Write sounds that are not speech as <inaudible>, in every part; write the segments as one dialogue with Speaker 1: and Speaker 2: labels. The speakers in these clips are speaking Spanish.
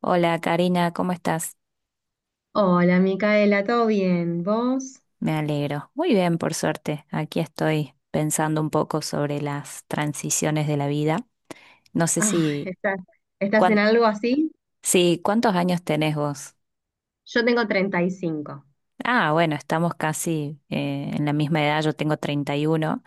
Speaker 1: Hola Karina, ¿cómo estás?
Speaker 2: Hola, Micaela, ¿todo bien? ¿Vos?
Speaker 1: Me alegro. Muy bien, por suerte. Aquí estoy pensando un poco sobre las transiciones de la vida. No sé
Speaker 2: Ah,
Speaker 1: si,
Speaker 2: ¿estás en
Speaker 1: cuán-
Speaker 2: algo así?
Speaker 1: Sí, ¿cuántos años tenés vos?
Speaker 2: Yo tengo 35.
Speaker 1: Ah, bueno, estamos casi en la misma edad, yo tengo treinta y uno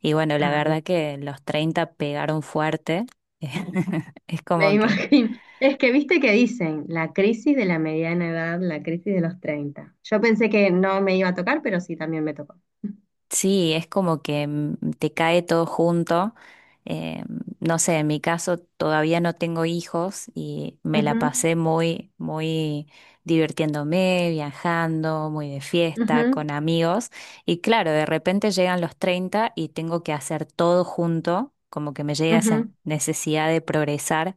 Speaker 1: y bueno, la
Speaker 2: Ah, bien,
Speaker 1: verdad que los 30 pegaron fuerte. <laughs> Es
Speaker 2: me <laughs>
Speaker 1: como que
Speaker 2: imagino. Es que viste que dicen la crisis de la mediana edad, la crisis de los 30. Yo pensé que no me iba a tocar, pero sí también me tocó.
Speaker 1: Sí, es como que te cae todo junto. Eh, no sé, en mi caso todavía no tengo hijos y me la
Speaker 2: Ujú,
Speaker 1: pasé muy, muy divirtiéndome, viajando, muy de fiesta,
Speaker 2: ujú,
Speaker 1: con amigos. Y claro, de repente llegan los 30 y tengo que hacer todo junto, como que me llega esa
Speaker 2: ujú,
Speaker 1: necesidad de progresar,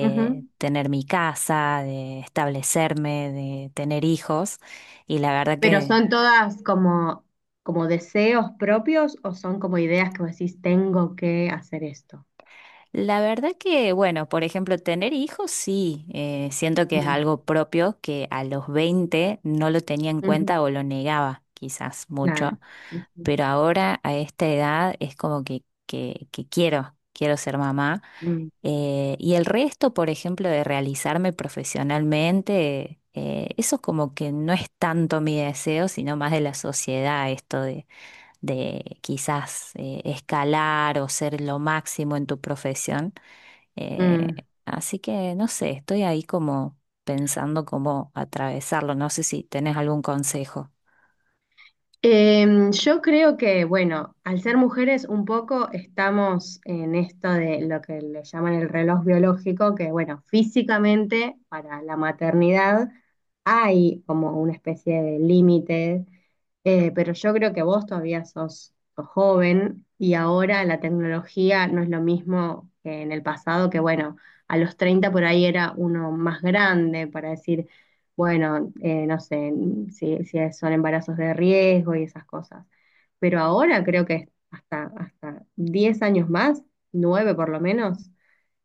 Speaker 2: ujú.
Speaker 1: tener mi casa, de establecerme, de tener hijos. Y la verdad
Speaker 2: Pero
Speaker 1: que
Speaker 2: son todas como deseos propios o son como ideas que vos decís, tengo que hacer esto.
Speaker 1: La verdad que, bueno, por ejemplo, tener hijos, sí, siento que es
Speaker 2: Mm,
Speaker 1: algo propio que a los 20 no lo tenía en
Speaker 2: ujú,
Speaker 1: cuenta o lo negaba quizás mucho,
Speaker 2: claro. Sí, sí.
Speaker 1: pero ahora a esta edad es como que quiero, quiero ser mamá.
Speaker 2: Mm,
Speaker 1: Y el resto, por ejemplo, de realizarme profesionalmente, eso como que no es tanto mi deseo, sino más de la sociedad, esto de quizás escalar o ser lo máximo en tu profesión. Eh,
Speaker 2: mm.
Speaker 1: Así que no sé, estoy ahí como pensando cómo atravesarlo. No sé si tenés algún consejo.
Speaker 2: Yo creo que, bueno, al ser mujeres un poco estamos en esto de lo que le llaman el reloj biológico, que bueno, físicamente para la maternidad hay como una especie de límite. Pero yo creo que vos todavía sos joven y ahora la tecnología no es lo mismo que en el pasado, que bueno, a los 30 por ahí era uno más grande para decir, bueno, no sé si son embarazos de riesgo y esas cosas. Pero ahora creo que hasta 10 años más, 9 por lo menos,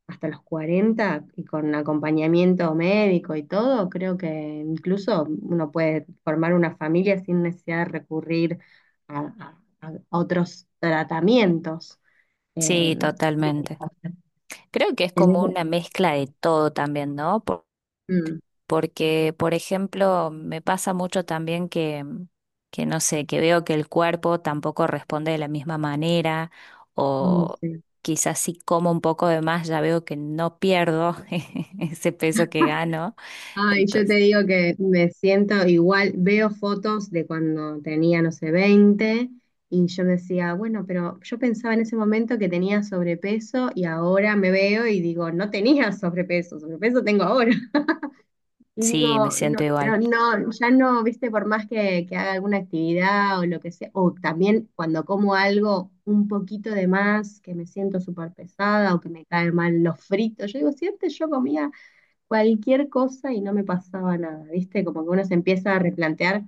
Speaker 2: hasta los 40 y con acompañamiento médico y todo, creo que incluso uno puede formar una familia sin necesidad de recurrir a, a otros tratamientos. Eh,
Speaker 1: Sí, totalmente. Creo que es
Speaker 2: en
Speaker 1: como
Speaker 2: ese-
Speaker 1: una mezcla de todo también, ¿no?
Speaker 2: Mm,
Speaker 1: Porque, por ejemplo, me pasa mucho también que no sé, que veo que el cuerpo tampoco responde de la misma manera
Speaker 2: mm,
Speaker 1: o
Speaker 2: sí.
Speaker 1: quizás si como un poco de más ya veo que no pierdo <laughs> ese peso que gano,
Speaker 2: Ay, yo te
Speaker 1: entonces
Speaker 2: digo que me siento igual, veo fotos de cuando tenía, no sé, 20 y yo decía, bueno, pero yo pensaba en ese momento que tenía sobrepeso y ahora me veo y digo, no tenía sobrepeso, sobrepeso tengo ahora. Y digo,
Speaker 1: sí, me siento
Speaker 2: no, no,
Speaker 1: igual.
Speaker 2: no, ya no, viste, por más que haga alguna actividad o lo que sea, o también cuando como algo un poquito de más, que me siento súper pesada o que me caen mal los fritos, yo digo, si antes yo comía cualquier cosa y no me pasaba nada, viste, como que uno se empieza a replantear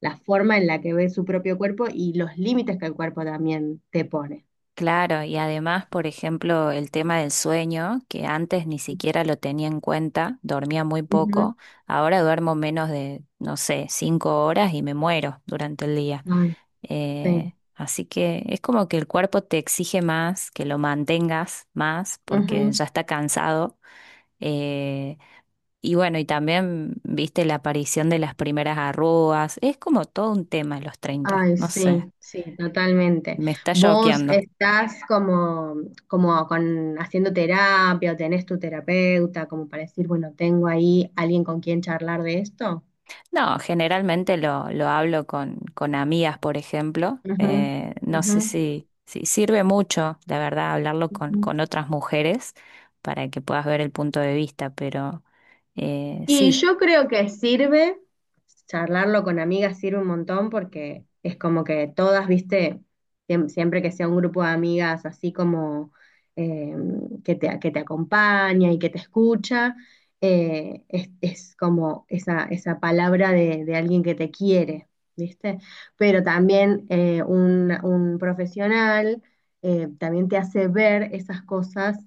Speaker 2: la forma en la que ve su propio cuerpo y los límites que el cuerpo también te pone.
Speaker 1: Claro, y además, por ejemplo, el tema del sueño, que antes ni siquiera lo tenía en cuenta, dormía muy
Speaker 2: Ujú.
Speaker 1: poco, ahora duermo menos de, no sé, cinco horas y me muero durante el día.
Speaker 2: Ay, sí.
Speaker 1: Así que es como que el cuerpo te exige más, que lo mantengas más, porque ya está cansado. Eh, y bueno, y también viste la aparición de las primeras arrugas. Es como todo un tema en los treinta,
Speaker 2: Ay,
Speaker 1: no sé,
Speaker 2: sí, sí, totalmente.
Speaker 1: me está
Speaker 2: ¿Vos
Speaker 1: choqueando.
Speaker 2: estás como con, haciendo terapia o tenés tu terapeuta como para decir, bueno, tengo ahí alguien con quien charlar de esto?
Speaker 1: No, generalmente lo hablo con amigas, por ejemplo.
Speaker 2: Ujú,
Speaker 1: No
Speaker 2: ujú,
Speaker 1: sé si sirve mucho, la verdad, hablarlo
Speaker 2: ujú.
Speaker 1: con otras mujeres para que puedas ver el punto de vista, pero
Speaker 2: Y
Speaker 1: sí.
Speaker 2: yo creo que sirve, charlarlo con amigas sirve un montón porque es como que todas, viste, siempre que sea un grupo de amigas así como eh, que te acompaña y que te escucha, es como esa palabra de alguien que te quiere, viste. Pero también un profesional también te hace ver esas cosas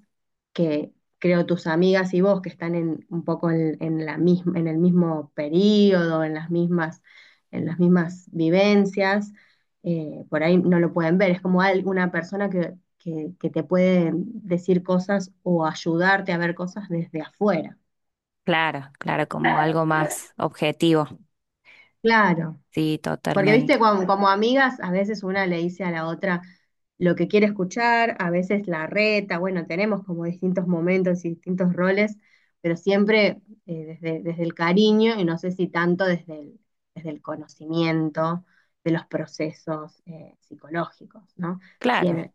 Speaker 2: creo tus amigas y vos que están en, un poco en la misma, en el mismo periodo, en las mismas vivencias, por ahí no lo pueden ver, es como una persona que te puede decir cosas o ayudarte a ver cosas desde afuera.
Speaker 1: Claro, claro, como algo más objetivo.
Speaker 2: Claro.
Speaker 1: Sí,
Speaker 2: Porque, viste,
Speaker 1: totalmente.
Speaker 2: amigas, a veces una le dice a la otra lo que quiere escuchar, a veces la reta, bueno, tenemos como distintos momentos y distintos roles, pero siempre desde el cariño y no sé si tanto desde el conocimiento de los procesos psicológicos, ¿no? Si
Speaker 1: Claro,
Speaker 2: en el,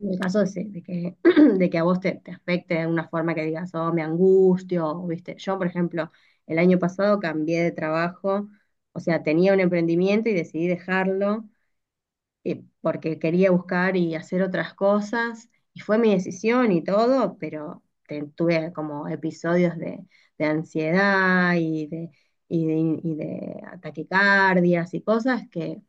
Speaker 2: en el caso de, de <clears throat> de que a vos te afecte de una forma que digas, oh, me angustio, o, viste, yo, por ejemplo, el año pasado cambié de trabajo, o sea, tenía un emprendimiento y decidí dejarlo, porque quería buscar y hacer otras cosas. Y fue mi decisión y todo, pero tuve como episodios de ansiedad y de, y de taquicardias y cosas que,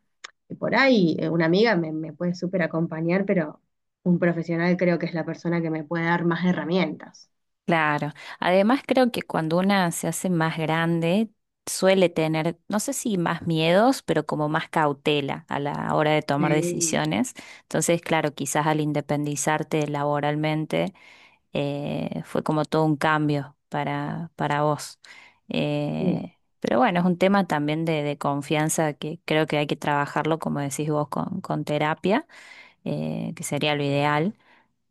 Speaker 2: que por ahí una amiga me puede súper acompañar, pero un profesional creo que es la persona que me puede dar más herramientas.
Speaker 1: claro. Además, creo que cuando una se hace más grande, suele tener, no sé si más miedos, pero como más cautela a la hora de tomar
Speaker 2: Sí.
Speaker 1: decisiones. Entonces, claro, quizás al independizarte laboralmente, fue como todo un cambio para vos.
Speaker 2: Sí.
Speaker 1: Eh, pero bueno, es un tema también de confianza que creo que hay que trabajarlo, como decís vos, con terapia, que sería lo ideal.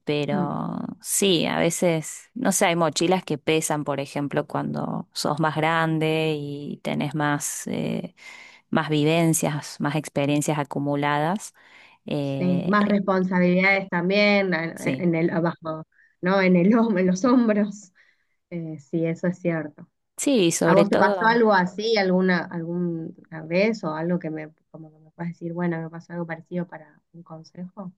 Speaker 1: Pero sí, a veces, no sé, hay mochilas que pesan, por ejemplo, cuando sos más grande y tenés más, más vivencias, más experiencias acumuladas.
Speaker 2: Sí,
Speaker 1: Eh,
Speaker 2: más responsabilidades también en
Speaker 1: sí,
Speaker 2: en el abajo, ¿no? En los hombros. Sí, eso es cierto.
Speaker 1: sí,
Speaker 2: ¿A
Speaker 1: sobre
Speaker 2: vos te pasó
Speaker 1: todo.
Speaker 2: algo así alguna vez o algo que me como que me puedas decir, bueno, me pasó algo parecido para un consejo?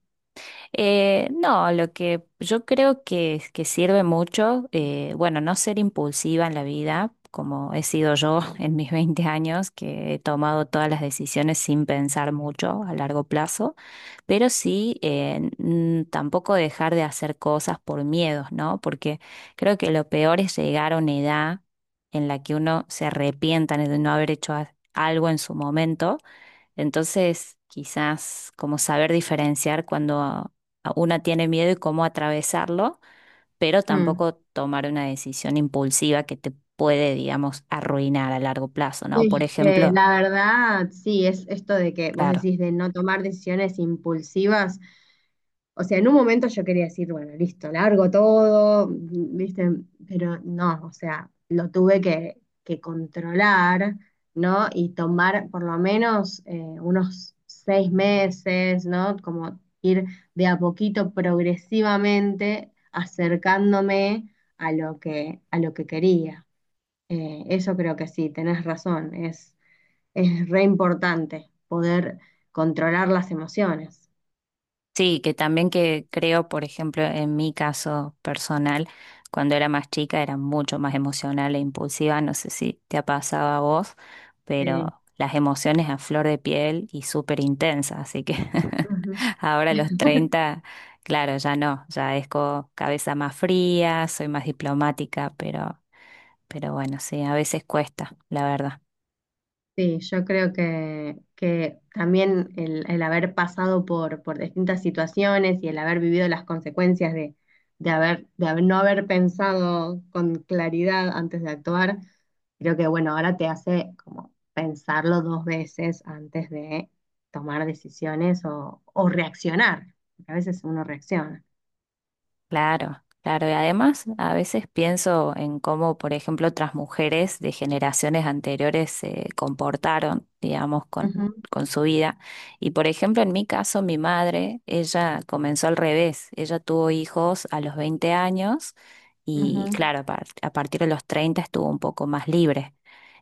Speaker 1: No, lo que yo creo que sirve mucho, bueno, no ser impulsiva en la vida, como he sido yo <laughs> en mis 20 años, que he tomado todas las decisiones sin pensar mucho a largo plazo. Pero sí, tampoco dejar de hacer cosas por miedos, ¿no? Porque creo que lo peor es llegar a una edad en la que uno se arrepienta de no haber hecho algo en su momento. Entonces, quizás como saber diferenciar cuando a una tiene miedo y cómo atravesarlo, pero
Speaker 2: Mm.
Speaker 1: tampoco tomar una decisión impulsiva que te puede, digamos, arruinar a largo plazo, ¿no? Por ejemplo,
Speaker 2: La verdad, sí, es esto de que vos
Speaker 1: claro.
Speaker 2: decís de no tomar decisiones impulsivas. O sea, en un momento yo quería decir, bueno, listo, largo todo, ¿viste? Pero no, o sea, lo tuve que controlar, ¿no? Y tomar por lo menos unos 6 meses, ¿no? Como ir de a poquito, progresivamente, acercándome a lo que, quería. Eso creo que sí, tenés razón, es re importante poder controlar las emociones.
Speaker 1: Sí, que también que creo, por ejemplo, en mi caso personal, cuando era más chica era mucho más emocional e impulsiva, no sé si te ha pasado a vos,
Speaker 2: Sí.
Speaker 1: pero las emociones a flor de piel y súper intensas, así que <laughs> ahora a los 30, claro, ya no, ya es con cabeza más fría, soy más diplomática, pero bueno, sí, a veces cuesta, la verdad.
Speaker 2: Sí, yo creo que también el haber pasado por distintas situaciones y el haber vivido las consecuencias de no haber pensado con claridad antes de actuar, creo que bueno, ahora te hace como pensarlo dos veces antes de tomar decisiones o reaccionar, porque a veces uno reacciona.
Speaker 1: Claro, claro. Y además, a veces pienso en cómo, por ejemplo, otras mujeres de generaciones anteriores se comportaron, digamos,
Speaker 2: Ujú,
Speaker 1: con su vida. Y, por ejemplo, en mi caso, mi madre, ella comenzó al revés. Ella tuvo hijos a los 20 años y,
Speaker 2: ujú,
Speaker 1: claro, a partir de los 30 estuvo un poco más libre.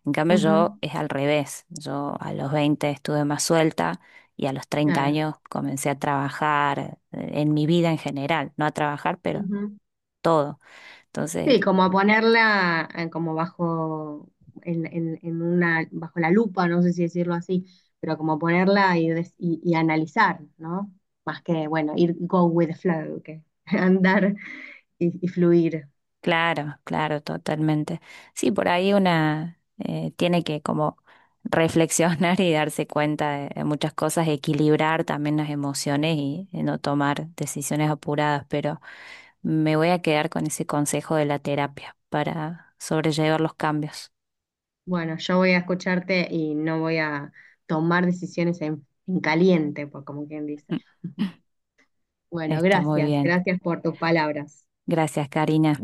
Speaker 1: En cambio,
Speaker 2: ujú,
Speaker 1: yo es al revés. Yo a los 20 estuve más suelta y a los treinta
Speaker 2: claro.
Speaker 1: años comencé a trabajar, en mi vida en general, no a trabajar, pero todo. Entonces,
Speaker 2: Sí, como a ponerla como bajo, en una, bajo la lupa, no sé si decirlo así, pero como ponerla y, y analizar, ¿no? Más que, bueno, ir go with the flow, que <laughs> andar y fluir.
Speaker 1: claro, claro, totalmente. Sí, por ahí una tiene que como reflexionar <laughs> y darse cuenta de muchas cosas, equilibrar también las emociones y no tomar decisiones apuradas, pero me voy a quedar con ese consejo de la terapia para sobrellevar los cambios.
Speaker 2: Bueno, yo voy a escucharte y no voy a tomar decisiones en caliente, por como quien dice.
Speaker 1: <laughs>
Speaker 2: Bueno,
Speaker 1: Está muy
Speaker 2: gracias,
Speaker 1: bien.
Speaker 2: gracias por tus palabras.
Speaker 1: Gracias, Karina.